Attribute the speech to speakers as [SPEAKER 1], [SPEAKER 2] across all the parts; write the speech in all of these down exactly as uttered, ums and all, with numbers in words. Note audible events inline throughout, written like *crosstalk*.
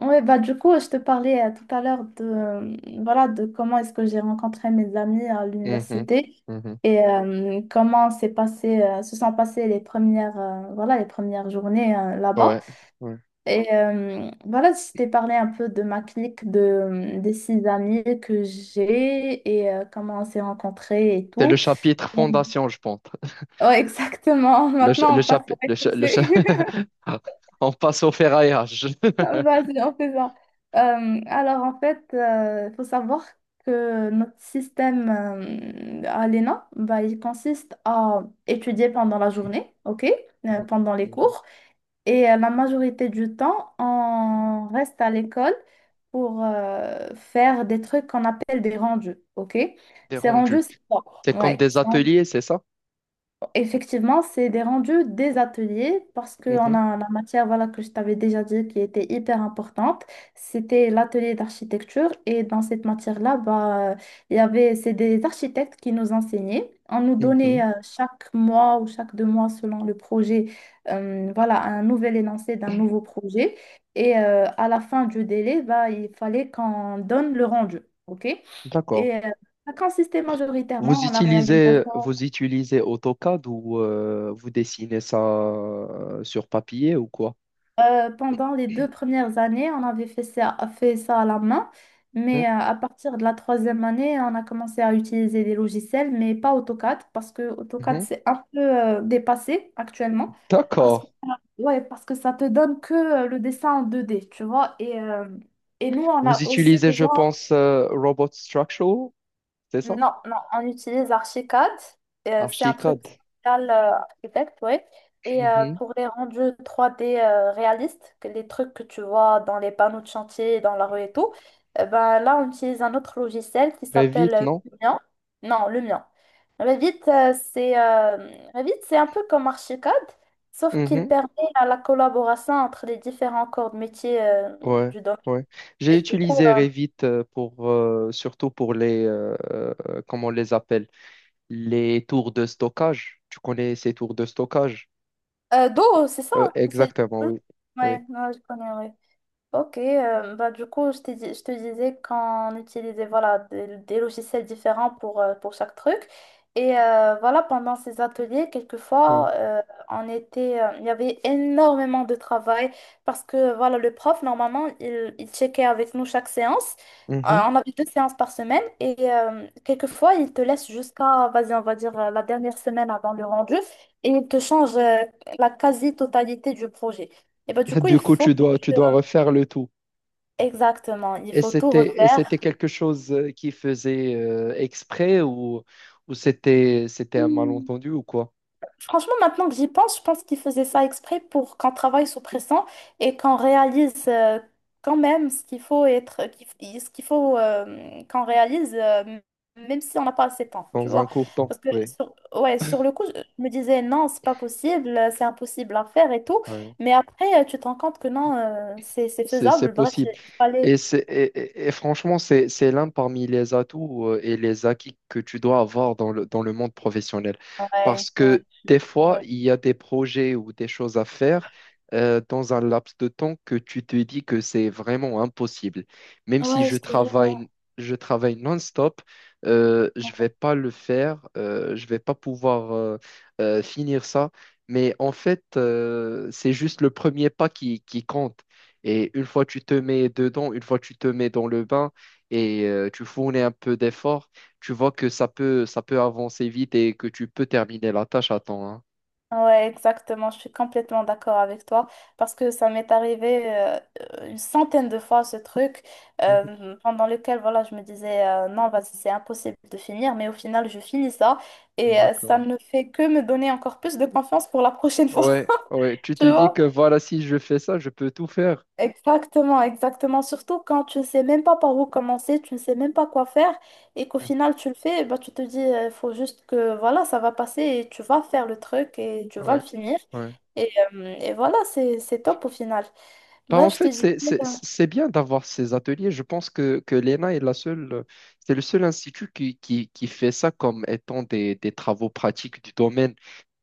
[SPEAKER 1] Oui, bah du coup, je te parlais euh, tout à l'heure de, euh, voilà, de comment est-ce que j'ai rencontré mes amis à
[SPEAKER 2] Mhm,
[SPEAKER 1] l'université
[SPEAKER 2] mhm.
[SPEAKER 1] et euh, comment s'est passé, euh, se sont passées les premières, euh, voilà, les premières journées euh, là-bas.
[SPEAKER 2] Ouais, ouais.
[SPEAKER 1] Et euh, voilà, je t'ai parlé un peu de ma clique, de, euh, des six amis que j'ai et euh, comment on s'est rencontrés et
[SPEAKER 2] C'est le
[SPEAKER 1] tout.
[SPEAKER 2] chapitre fondation, je pense.
[SPEAKER 1] Ouais, *laughs* exactement.
[SPEAKER 2] Le, ch,
[SPEAKER 1] Maintenant,
[SPEAKER 2] le
[SPEAKER 1] on passe au
[SPEAKER 2] chapitre. Le,
[SPEAKER 1] rez.
[SPEAKER 2] ch, le cha- *laughs* On passe au ferraillage.
[SPEAKER 1] *laughs*
[SPEAKER 2] *laughs*
[SPEAKER 1] Vas-y, on fait ça. Euh, alors, en fait, il faut savoir que notre système euh, à l'E N A, bah, il consiste à étudier pendant la journée, OK, euh,
[SPEAKER 2] Mhm,
[SPEAKER 1] pendant les
[SPEAKER 2] mhm.
[SPEAKER 1] cours. Et euh, la majorité du temps, on reste à l'école pour euh, faire des trucs qu'on appelle des rendus, OK?
[SPEAKER 2] Des
[SPEAKER 1] Ces rendus,
[SPEAKER 2] rendus.
[SPEAKER 1] c'est quoi?
[SPEAKER 2] C'est comme
[SPEAKER 1] Ouais.
[SPEAKER 2] des ateliers, c'est ça?
[SPEAKER 1] Effectivement, c'est des rendus des ateliers parce qu'on
[SPEAKER 2] Mhm,
[SPEAKER 1] a la matière voilà, que je t'avais déjà dit qui était hyper importante. C'était l'atelier d'architecture et dans cette matière-là, bah, euh, il y avait, c'est des architectes qui nous enseignaient. On nous donnait
[SPEAKER 2] mhm.
[SPEAKER 1] euh, chaque mois ou chaque deux mois selon le projet euh, voilà, un nouvel énoncé d'un nouveau projet. Et euh, à la fin du délai, bah, il fallait qu'on donne le rendu. OK.
[SPEAKER 2] D'accord.
[SPEAKER 1] Et euh, ça consistait majoritairement
[SPEAKER 2] Vous
[SPEAKER 1] en la
[SPEAKER 2] utilisez,
[SPEAKER 1] réalisation.
[SPEAKER 2] vous utilisez AutoCAD ou euh, vous dessinez ça euh, sur papier ou quoi?
[SPEAKER 1] Euh, pendant les deux premières années, on avait fait ça, fait ça à la main,
[SPEAKER 2] Mhm,
[SPEAKER 1] mais euh, à partir de la troisième année, on a commencé à utiliser des logiciels, mais pas AutoCAD, parce que AutoCAD,
[SPEAKER 2] mhm.
[SPEAKER 1] c'est un peu euh, dépassé actuellement, parce
[SPEAKER 2] D'accord.
[SPEAKER 1] que, ouais, parce que ça te donne que euh, le dessin en deux D, tu vois, et, euh, et nous, on
[SPEAKER 2] Vous
[SPEAKER 1] a aussi
[SPEAKER 2] utilisez, je
[SPEAKER 1] besoin.
[SPEAKER 2] pense, euh, Robot Structural, c'est ça?
[SPEAKER 1] Non, non, on utilise Archicad. Euh, c'est un truc
[SPEAKER 2] Archicad.
[SPEAKER 1] spécial euh, architecte, oui. Et euh,
[SPEAKER 2] Mhm.
[SPEAKER 1] pour les rendus trois d euh, réalistes, que les trucs que tu vois dans les panneaux de chantier, dans la rue et tout, euh, ben, là, on utilise un autre logiciel qui
[SPEAKER 2] Revit,
[SPEAKER 1] s'appelle euh,
[SPEAKER 2] non?
[SPEAKER 1] Lumion. Non, le mien. Revit, euh, c'est euh, Revit, c'est un peu comme Archicad, sauf qu'il
[SPEAKER 2] Mhm.
[SPEAKER 1] permet à la collaboration entre les différents corps de métier euh,
[SPEAKER 2] Ouais,
[SPEAKER 1] du domaine.
[SPEAKER 2] ouais. J'ai
[SPEAKER 1] Et du coup,
[SPEAKER 2] utilisé
[SPEAKER 1] euh,
[SPEAKER 2] Revit euh, pour, euh, surtout pour les, euh, euh, comment on les appelle? Les tours de stockage. Tu connais ces tours de stockage?
[SPEAKER 1] Euh, Do, c'est ça?
[SPEAKER 2] Euh,
[SPEAKER 1] C'est...
[SPEAKER 2] exactement,
[SPEAKER 1] Ouais,
[SPEAKER 2] oui. Oui.
[SPEAKER 1] ouais, je connais, ouais. OK, euh, bah, du coup, je te, dis- je te disais qu'on utilisait voilà, des, des logiciels différents pour, euh, pour chaque truc. Et euh, voilà, pendant ces ateliers,
[SPEAKER 2] oui.
[SPEAKER 1] quelquefois, euh, on était, euh, il y avait énormément de travail parce que voilà, le prof, normalement, il, il checkait avec nous chaque séance. Euh,
[SPEAKER 2] Mhm.
[SPEAKER 1] on avait deux séances par semaine et euh, quelquefois, il te laisse jusqu'à, vas-y, on va dire, euh, la dernière semaine avant le rendu et il te change euh, la quasi-totalité du projet. Et bah, du
[SPEAKER 2] *laughs*
[SPEAKER 1] coup, il
[SPEAKER 2] Du coup,
[SPEAKER 1] faut
[SPEAKER 2] tu
[SPEAKER 1] que...
[SPEAKER 2] dois, tu dois refaire le tout.
[SPEAKER 1] Exactement, il
[SPEAKER 2] Et
[SPEAKER 1] faut tout
[SPEAKER 2] c'était, et c'était
[SPEAKER 1] refaire.
[SPEAKER 2] quelque chose euh, qui faisait euh, exprès ou, ou c'était, c'était un
[SPEAKER 1] Hmm.
[SPEAKER 2] malentendu ou quoi?
[SPEAKER 1] Franchement, maintenant que j'y pense, je pense qu'ils faisaient ça exprès pour qu'on travaille sous pression et qu'on réalise euh, quand même ce qu'il faut être, qu'il f- ce qu'il faut euh, qu'on réalise, euh, même si on n'a pas assez de temps, tu
[SPEAKER 2] Dans un
[SPEAKER 1] vois.
[SPEAKER 2] court temps,
[SPEAKER 1] Parce que
[SPEAKER 2] oui.
[SPEAKER 1] sur, ouais, sur le coup, je je me disais non, c'est pas possible, euh, c'est impossible à faire et tout.
[SPEAKER 2] Ouais.
[SPEAKER 1] Mais après, euh, tu te rends compte que non, euh, c'est c'est
[SPEAKER 2] C'est, c'est
[SPEAKER 1] faisable. Bref,
[SPEAKER 2] possible.
[SPEAKER 1] il fallait.
[SPEAKER 2] Et, c'est, et, et- et franchement, c'est, c'est l'un parmi les atouts euh, et les acquis que tu dois avoir dans le, dans le monde professionnel.
[SPEAKER 1] Ouais,
[SPEAKER 2] Parce
[SPEAKER 1] ouais,
[SPEAKER 2] que des
[SPEAKER 1] je te
[SPEAKER 2] fois,
[SPEAKER 1] jure.
[SPEAKER 2] il y a des projets ou des choses à faire euh, dans un laps de temps que tu te dis que c'est vraiment impossible. Même si
[SPEAKER 1] Ouais,
[SPEAKER 2] je
[SPEAKER 1] je te jure.
[SPEAKER 2] travaille, je travaille non-stop, euh, je vais pas le faire, euh, je vais pas pouvoir euh, euh, finir ça. Mais en fait, euh, c'est juste le premier pas qui, qui compte. Et une fois tu te mets dedans, une fois tu te mets dans le bain et euh, tu fournis un peu d'effort, tu vois que ça peut, ça peut avancer vite et que tu peux terminer la tâche à temps, hein.
[SPEAKER 1] Ouais, exactement, je suis complètement d'accord avec toi parce que ça m'est arrivé euh, une centaine de fois ce truc
[SPEAKER 2] Mhm.
[SPEAKER 1] euh, pendant lequel voilà, je me disais euh, non, vas-y, c'est impossible de finir, mais au final, je finis ça et euh, ça
[SPEAKER 2] D'accord.
[SPEAKER 1] ne fait que me donner encore plus de confiance pour la prochaine fois,
[SPEAKER 2] Ouais, ouais,
[SPEAKER 1] *laughs*
[SPEAKER 2] tu
[SPEAKER 1] tu
[SPEAKER 2] te dis
[SPEAKER 1] vois?
[SPEAKER 2] que voilà, si je fais ça, je peux tout faire.
[SPEAKER 1] Exactement, exactement. Surtout quand tu ne sais même pas par où commencer, tu ne sais même pas quoi faire et qu'au
[SPEAKER 2] Mhm.
[SPEAKER 1] final tu le fais, bah, tu te dis, il faut juste que voilà, ça va passer et tu vas faire le truc et tu vas le
[SPEAKER 2] Ouais.
[SPEAKER 1] finir.
[SPEAKER 2] Ouais.
[SPEAKER 1] Et, euh, et voilà, c'est, c'est top au final.
[SPEAKER 2] Bah,
[SPEAKER 1] Moi
[SPEAKER 2] en
[SPEAKER 1] je te
[SPEAKER 2] fait,
[SPEAKER 1] dis.
[SPEAKER 2] c'est c'est- c'est bien d'avoir ces ateliers. Je pense que, que l'E N A est la seule, c'est le seul institut qui, qui, qui fait ça comme étant des, des travaux pratiques du domaine.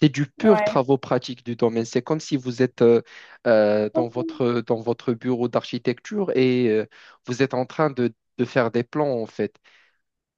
[SPEAKER 2] C'est du pur
[SPEAKER 1] Ouais.
[SPEAKER 2] travaux pratiques du domaine. C'est comme si vous êtes euh, euh, dans votre, dans votre bureau d'architecture et euh, vous êtes en train de, de faire des plans, en fait.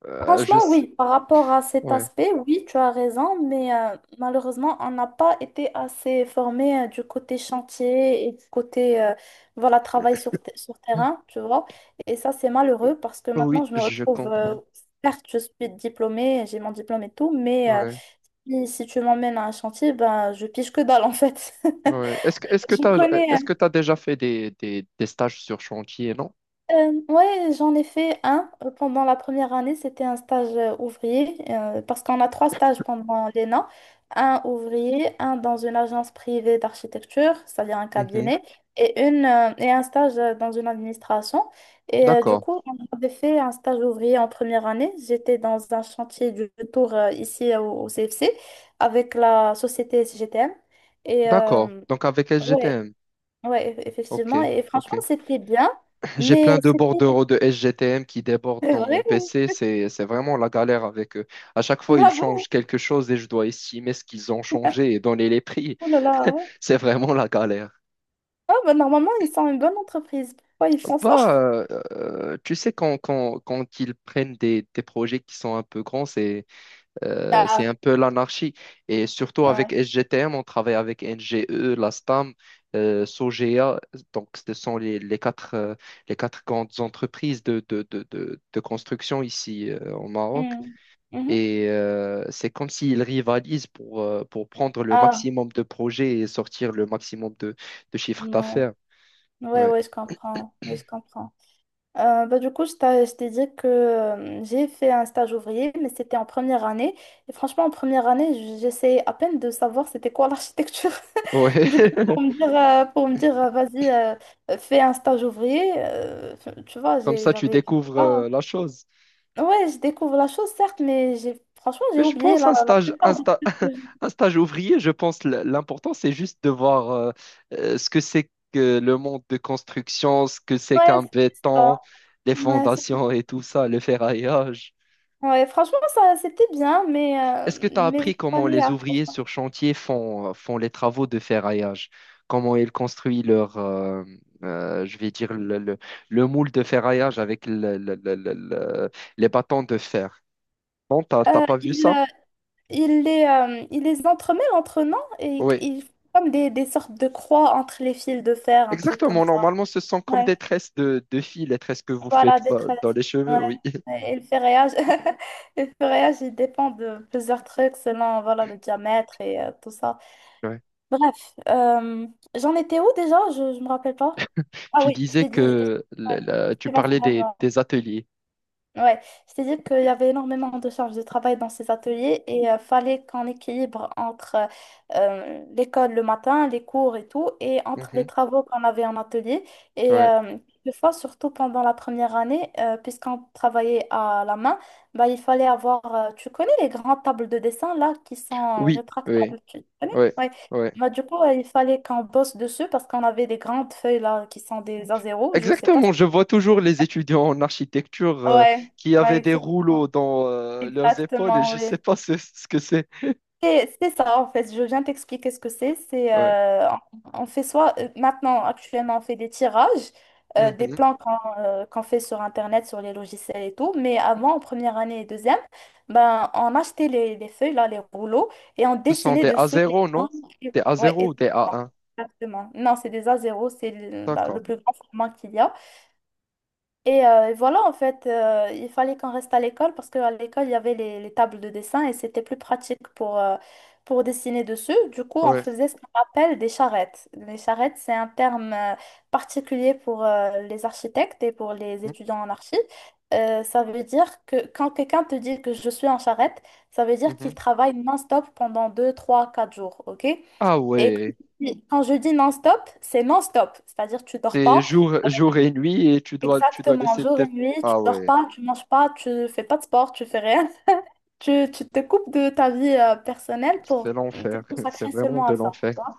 [SPEAKER 2] Euh,
[SPEAKER 1] Franchement,
[SPEAKER 2] je sais-
[SPEAKER 1] oui, par rapport à cet
[SPEAKER 2] Ouais.
[SPEAKER 1] aspect, oui, tu as raison, mais euh, malheureusement, on n'a pas été assez formé euh, du côté chantier et du côté euh, voilà, travail sur, te- sur terrain, tu vois. Et ça, c'est malheureux parce que maintenant,
[SPEAKER 2] Oui,
[SPEAKER 1] je me
[SPEAKER 2] je
[SPEAKER 1] retrouve, euh,
[SPEAKER 2] comprends.
[SPEAKER 1] certes, je suis diplômée, j'ai mon diplôme et tout, mais euh,
[SPEAKER 2] Ouais,
[SPEAKER 1] si, si tu m'emmènes à un chantier, ben, je pige que dalle en fait. *laughs*
[SPEAKER 2] ouais. Est-ce que, est-ce que
[SPEAKER 1] Je
[SPEAKER 2] tu as,
[SPEAKER 1] connais,
[SPEAKER 2] est-ce
[SPEAKER 1] euh,
[SPEAKER 2] que tu déjà fait des, des, des stages sur chantier, non?
[SPEAKER 1] Euh, ouais, j'en ai fait un euh, pendant la première année. C'était un stage euh, ouvrier euh, parce qu'on a trois stages pendant l'E N A. Un ouvrier, un dans une agence privée d'architecture, c'est-à-dire un
[SPEAKER 2] Mhm.
[SPEAKER 1] cabinet, et, une, euh, et un stage euh, dans une administration. Et euh, du
[SPEAKER 2] D'accord.
[SPEAKER 1] coup, on avait fait un stage ouvrier en première année. J'étais dans un chantier du tour euh, ici euh, au, au C F C avec la société S G T M. Et
[SPEAKER 2] D'accord.
[SPEAKER 1] euh,
[SPEAKER 2] Donc avec
[SPEAKER 1] ouais,
[SPEAKER 2] S G T M.
[SPEAKER 1] ouais,
[SPEAKER 2] OK.
[SPEAKER 1] effectivement. Et franchement,
[SPEAKER 2] OK.
[SPEAKER 1] c'était bien.
[SPEAKER 2] *clears throat* J'ai
[SPEAKER 1] Mais
[SPEAKER 2] plein de
[SPEAKER 1] c'était...
[SPEAKER 2] bordereaux de S G T M qui débordent
[SPEAKER 1] C'est
[SPEAKER 2] dans mon
[SPEAKER 1] vrai?
[SPEAKER 2] P C. C'est, c'est vraiment la galère avec eux. À chaque fois, ils
[SPEAKER 1] Ah bon?
[SPEAKER 2] changent quelque chose et je dois estimer ce qu'ils ont changé et donner les prix.
[SPEAKER 1] Oh là là.
[SPEAKER 2] *laughs* C'est vraiment la galère.
[SPEAKER 1] Ah bah normalement, ils sont une bonne entreprise. Pourquoi ils font ça?
[SPEAKER 2] Bah,
[SPEAKER 1] *laughs*
[SPEAKER 2] euh, euh, tu sais, quand, quand, quand ils prennent des, des projets qui sont un peu grands, c'est Euh, c'est
[SPEAKER 1] Ah,
[SPEAKER 2] un peu l'anarchie. Et surtout avec
[SPEAKER 1] ouais.
[SPEAKER 2] S G T M, on travaille avec N G E, la S T A M, euh, Sogea. Donc, ce sont les, les quatre, euh, les quatre grandes entreprises de, de, de, de, de construction ici euh, au Maroc.
[SPEAKER 1] Hmm. Mhm.
[SPEAKER 2] Et euh, c'est comme s'ils rivalisent pour, euh, pour prendre le
[SPEAKER 1] Ah,
[SPEAKER 2] maximum de projets et sortir le maximum de, de chiffres
[SPEAKER 1] ouais.
[SPEAKER 2] d'affaires.
[SPEAKER 1] Ouais,
[SPEAKER 2] Ouais.
[SPEAKER 1] ouais, je comprends. Oui, je comprends. Euh, bah, du coup, je t'ai je t'ai dit que euh, j'ai fait un stage ouvrier, mais c'était en première année. Et franchement, en première année, j- j'essayais à peine de savoir c'était quoi l'architecture. *laughs*
[SPEAKER 2] Ouais.
[SPEAKER 1] Du coup,
[SPEAKER 2] *laughs*
[SPEAKER 1] pour me dire, euh, pour me dire euh, vas-y, euh, fais un stage ouvrier, euh, tu vois,
[SPEAKER 2] Comme
[SPEAKER 1] j'ai-
[SPEAKER 2] ça, tu
[SPEAKER 1] j'avais, je sais
[SPEAKER 2] découvres
[SPEAKER 1] pas.
[SPEAKER 2] euh, la chose.
[SPEAKER 1] Ouais, je découvre la chose, certes, mais j'ai franchement, j'ai
[SPEAKER 2] Mais je
[SPEAKER 1] oublié
[SPEAKER 2] pense
[SPEAKER 1] la
[SPEAKER 2] un stage, un
[SPEAKER 1] plupart des
[SPEAKER 2] sta-
[SPEAKER 1] trucs que
[SPEAKER 2] *laughs*
[SPEAKER 1] je-.
[SPEAKER 2] un stage ouvrier, je pense l- l'important, c'est juste de voir euh, euh, ce que c'est que le monde de construction, ce que c'est
[SPEAKER 1] Ouais,
[SPEAKER 2] qu'un
[SPEAKER 1] c'est ça.
[SPEAKER 2] béton, les
[SPEAKER 1] Ouais, c'est-
[SPEAKER 2] fondations et tout ça, le ferraillage.
[SPEAKER 1] ouais, franchement, ça, c'était bien, mais, euh,
[SPEAKER 2] Est-ce que tu as
[SPEAKER 1] mais
[SPEAKER 2] appris
[SPEAKER 1] j'ai pas
[SPEAKER 2] comment
[SPEAKER 1] les
[SPEAKER 2] les
[SPEAKER 1] à trop
[SPEAKER 2] ouvriers
[SPEAKER 1] fort.
[SPEAKER 2] sur chantier font, euh, font les travaux de ferraillage? Comment ils construisent leur, euh, euh, je vais dire, le, le- le moule de ferraillage avec le- le- le- le- le- les bâtons de fer? Non, t'as t'as
[SPEAKER 1] Euh,
[SPEAKER 2] pas vu
[SPEAKER 1] il,
[SPEAKER 2] ça?
[SPEAKER 1] euh, il les, euh, il les entremêle entre eux, non? Et
[SPEAKER 2] Oui.
[SPEAKER 1] il fait comme des, des sortes de croix entre les fils de fer, un truc comme
[SPEAKER 2] Exactement,
[SPEAKER 1] ça.
[SPEAKER 2] normalement, ce sont comme
[SPEAKER 1] Ouais,
[SPEAKER 2] des tresses de, de filles, les tresses que vous faites
[SPEAKER 1] voilà,
[SPEAKER 2] euh,
[SPEAKER 1] détresse.
[SPEAKER 2] dans les
[SPEAKER 1] Ouais.
[SPEAKER 2] cheveux, oui.
[SPEAKER 1] Et et le ferrillage, *laughs* le ferrillage, il dépend de plusieurs trucs selon voilà, le diamètre et euh, tout ça.
[SPEAKER 2] *laughs* Ouais.
[SPEAKER 1] Bref, euh, j'en étais où déjà? Je, je me rappelle pas. Ah
[SPEAKER 2] Tu
[SPEAKER 1] oui, je
[SPEAKER 2] disais
[SPEAKER 1] t'ai dit. Ouais,
[SPEAKER 2] que la- la- tu
[SPEAKER 1] c'est bon, c'est
[SPEAKER 2] parlais
[SPEAKER 1] bon.
[SPEAKER 2] des, des ateliers.
[SPEAKER 1] Ouais, c'est-à-dire qu'il y avait énormément de charges de travail dans ces ateliers et euh, fallait qu'on équilibre entre euh, euh, l'école le matin, les cours et tout, et entre les
[SPEAKER 2] Mhm.
[SPEAKER 1] travaux qu'on avait en atelier. Et
[SPEAKER 2] Ouais.
[SPEAKER 1] euh, quelquefois, surtout pendant la première année, euh, puisqu'on travaillait à la main, bah, il fallait avoir, euh, tu connais les grandes tables de dessin là qui sont
[SPEAKER 2] Oui, oui,
[SPEAKER 1] rétractables, tu connais?
[SPEAKER 2] oui,
[SPEAKER 1] Ouais.
[SPEAKER 2] oui.
[SPEAKER 1] Bah, du coup, euh, il fallait qu'on bosse dessus parce qu'on avait des grandes feuilles là qui sont des a zéro je sais pas. si-
[SPEAKER 2] Exactement, je vois toujours les étudiants en architecture euh,
[SPEAKER 1] Ouais,
[SPEAKER 2] qui
[SPEAKER 1] ouais,
[SPEAKER 2] avaient des rouleaux
[SPEAKER 1] exactement.
[SPEAKER 2] dans euh, leurs épaules et
[SPEAKER 1] Exactement,
[SPEAKER 2] je ne
[SPEAKER 1] oui.
[SPEAKER 2] sais pas ce, ce que c'est.
[SPEAKER 1] C'est c'est ça, en fait. Je viens t'expliquer ce que c'est. C'est,
[SPEAKER 2] Ouais.
[SPEAKER 1] euh, on on fait soit, euh, maintenant, actuellement, on fait des tirages, euh, des
[SPEAKER 2] Mhm.
[SPEAKER 1] plans qu'on euh, qu'on fait sur Internet, sur les logiciels et tout. Mais avant, en première année et deuxième, ben, on achetait les, les feuilles, là, les rouleaux, et on
[SPEAKER 2] Ce sont
[SPEAKER 1] dessinait
[SPEAKER 2] des
[SPEAKER 1] dessus les
[SPEAKER 2] A zéro,
[SPEAKER 1] plans.
[SPEAKER 2] non?
[SPEAKER 1] Et-.
[SPEAKER 2] Des
[SPEAKER 1] Ouais,
[SPEAKER 2] A zéro
[SPEAKER 1] et-.
[SPEAKER 2] ou des A un?
[SPEAKER 1] Exactement. Non, c'est des A zéro, c'est le, la- le
[SPEAKER 2] D'accord.
[SPEAKER 1] plus grand format qu'il y a. Et euh, voilà, en fait, euh, il fallait qu'on reste à l'école parce qu'à l'école, il y avait les, les tables de dessin et c'était plus pratique pour, euh, pour dessiner dessus. Du coup, on
[SPEAKER 2] Ouais.
[SPEAKER 1] faisait ce qu'on appelle des charrettes. Les charrettes, c'est un terme euh, particulier pour euh, les architectes et pour les
[SPEAKER 2] Mhm.
[SPEAKER 1] étudiants en archi. Euh, ça veut dire que quand quelqu'un te dit que je suis en charrette, ça veut dire qu'il
[SPEAKER 2] Mhm.
[SPEAKER 1] travaille non-stop pendant deux, trois, quatre jours, OK?
[SPEAKER 2] Ah
[SPEAKER 1] Et
[SPEAKER 2] ouais.
[SPEAKER 1] quand je dis non-stop, c'est non-stop, c'est-à-dire tu dors
[SPEAKER 2] C'est
[SPEAKER 1] pas.
[SPEAKER 2] jour, jour et nuit et tu dois, tu dois
[SPEAKER 1] Exactement,
[SPEAKER 2] laisser
[SPEAKER 1] jour et
[SPEAKER 2] peut-être.
[SPEAKER 1] nuit, tu
[SPEAKER 2] Ah
[SPEAKER 1] dors
[SPEAKER 2] ouais,
[SPEAKER 1] pas, tu manges pas, tu fais pas de sport, tu fais rien. *laughs* Tu, tu te coupes de ta vie euh, personnelle pour
[SPEAKER 2] c'est
[SPEAKER 1] te
[SPEAKER 2] l'enfer. *laughs* C'est
[SPEAKER 1] consacrer
[SPEAKER 2] vraiment
[SPEAKER 1] seulement
[SPEAKER 2] de
[SPEAKER 1] à ça.
[SPEAKER 2] l'enfer.
[SPEAKER 1] Tu vois.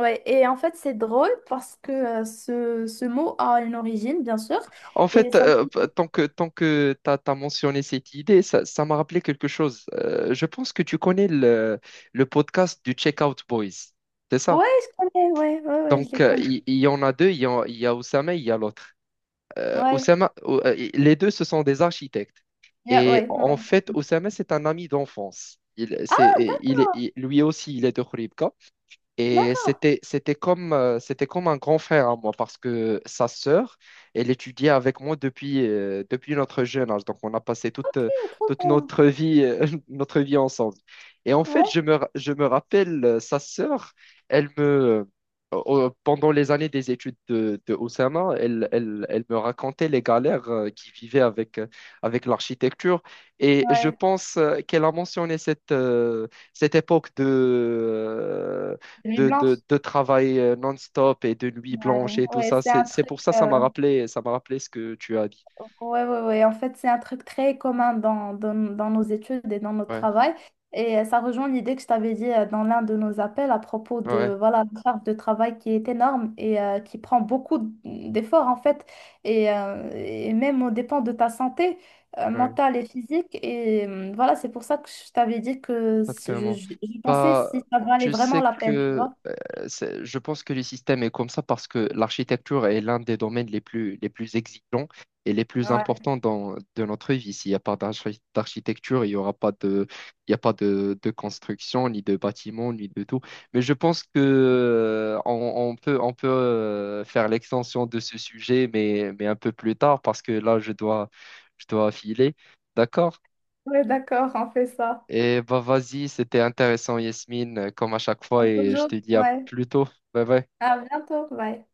[SPEAKER 1] Ouais, et en fait, c'est drôle parce que euh, ce, ce mot a une origine, bien sûr.
[SPEAKER 2] En
[SPEAKER 1] Et
[SPEAKER 2] fait,
[SPEAKER 1] ça...
[SPEAKER 2] euh, p-
[SPEAKER 1] me-.
[SPEAKER 2] tant que, tant que tu as mentionné cette idée, ça, ça m'a rappelé quelque chose. Euh, je pense que tu connais le, le podcast du Checkout Boys. C'est ça?
[SPEAKER 1] Ouais, je connais, ouais, ouais, ouais, je
[SPEAKER 2] Donc,
[SPEAKER 1] les
[SPEAKER 2] euh,
[SPEAKER 1] connais.
[SPEAKER 2] il il y, en a deux. Il y a, il y a Oussama et il y a l'autre. Euh,
[SPEAKER 1] Ouais,
[SPEAKER 2] Oussama, ou- euh, les deux, ce sont des architectes.
[SPEAKER 1] yeah,
[SPEAKER 2] Et
[SPEAKER 1] ouais,
[SPEAKER 2] en fait,
[SPEAKER 1] ouais.
[SPEAKER 2] Oussama, c'est un ami d'enfance. Il, c'est,
[SPEAKER 1] Ah, d'ac-
[SPEAKER 2] il, est- il- lui aussi, il est de Khouribga. Et
[SPEAKER 1] d'accord.
[SPEAKER 2] c'était, c'était comme, euh, c'était comme un grand frère à moi parce que sa sœur, elle étudiait avec moi depuis, euh, depuis notre jeune âge. Donc, on a passé toute,
[SPEAKER 1] OK,
[SPEAKER 2] euh,
[SPEAKER 1] trop
[SPEAKER 2] toute
[SPEAKER 1] bien.
[SPEAKER 2] notre vie, euh, *laughs* notre vie ensemble. Et en fait,
[SPEAKER 1] Ouais,
[SPEAKER 2] je me, ra- je me rappelle, euh, sa sœur, elle me, euh, pendant les années des études de, de Oussama, elle, elle, elle me racontait les galères euh, qu'il vivait avec, euh, avec l'architecture. Et je
[SPEAKER 1] ouais.
[SPEAKER 2] pense euh, qu'elle a mentionné cette, euh, cette époque de... euh,
[SPEAKER 1] Nuit
[SPEAKER 2] de,
[SPEAKER 1] blanche.
[SPEAKER 2] de, de travail euh, non-stop et de nuit
[SPEAKER 1] Ouais,
[SPEAKER 2] blanche et tout
[SPEAKER 1] ouais,
[SPEAKER 2] ça.
[SPEAKER 1] c'est un
[SPEAKER 2] C'est, c'est
[SPEAKER 1] truc.
[SPEAKER 2] pour ça ça
[SPEAKER 1] euh,
[SPEAKER 2] m'a rappelé, ça m'a rappelé ce que tu as dit.
[SPEAKER 1] Ouais, ouais, ouais. En fait, c'est un truc très commun dans, dans, dans nos études et dans notre
[SPEAKER 2] Ouais,
[SPEAKER 1] travail. Et euh, ça rejoint l'idée que je t'avais dit euh, dans l'un de nos appels à propos
[SPEAKER 2] ouais,
[SPEAKER 1] de voilà, la charge de travail qui est énorme et euh, qui prend beaucoup d'efforts, en fait. Et, euh, et même au dépend de ta santé euh,
[SPEAKER 2] ouais,
[SPEAKER 1] mentale et physique. Et euh, voilà, c'est pour ça que je t'avais dit que je, je,
[SPEAKER 2] exactement.
[SPEAKER 1] je pensais
[SPEAKER 2] Bah,
[SPEAKER 1] si ça valait
[SPEAKER 2] tu
[SPEAKER 1] vraiment
[SPEAKER 2] sais,
[SPEAKER 1] la peine, tu
[SPEAKER 2] que
[SPEAKER 1] vois.
[SPEAKER 2] c'est- Je pense que le système est comme ça parce que l'architecture est l'un des domaines les plus, les plus exigeants et les plus
[SPEAKER 1] Ouais,
[SPEAKER 2] importants dans, de notre vie. S'il n'y a pas d'archi- d'architecture, il n'y aura pas de, il y a pas de, de construction, ni de bâtiment, ni de tout. Mais je pense que euh, on, on peut, on peut euh, faire l'extension de ce sujet, mais, mais un peu plus tard parce que là, je dois, je dois filer. D'accord?
[SPEAKER 1] ouais, d'accord, on fait ça.
[SPEAKER 2] Et bah vas-y, c'était intéressant, Yasmine, comme à chaque fois,
[SPEAKER 1] À
[SPEAKER 2] et je
[SPEAKER 1] toujours.
[SPEAKER 2] te dis à
[SPEAKER 1] Ouais.
[SPEAKER 2] plus tôt. Bye bye.
[SPEAKER 1] À bientôt. Bye.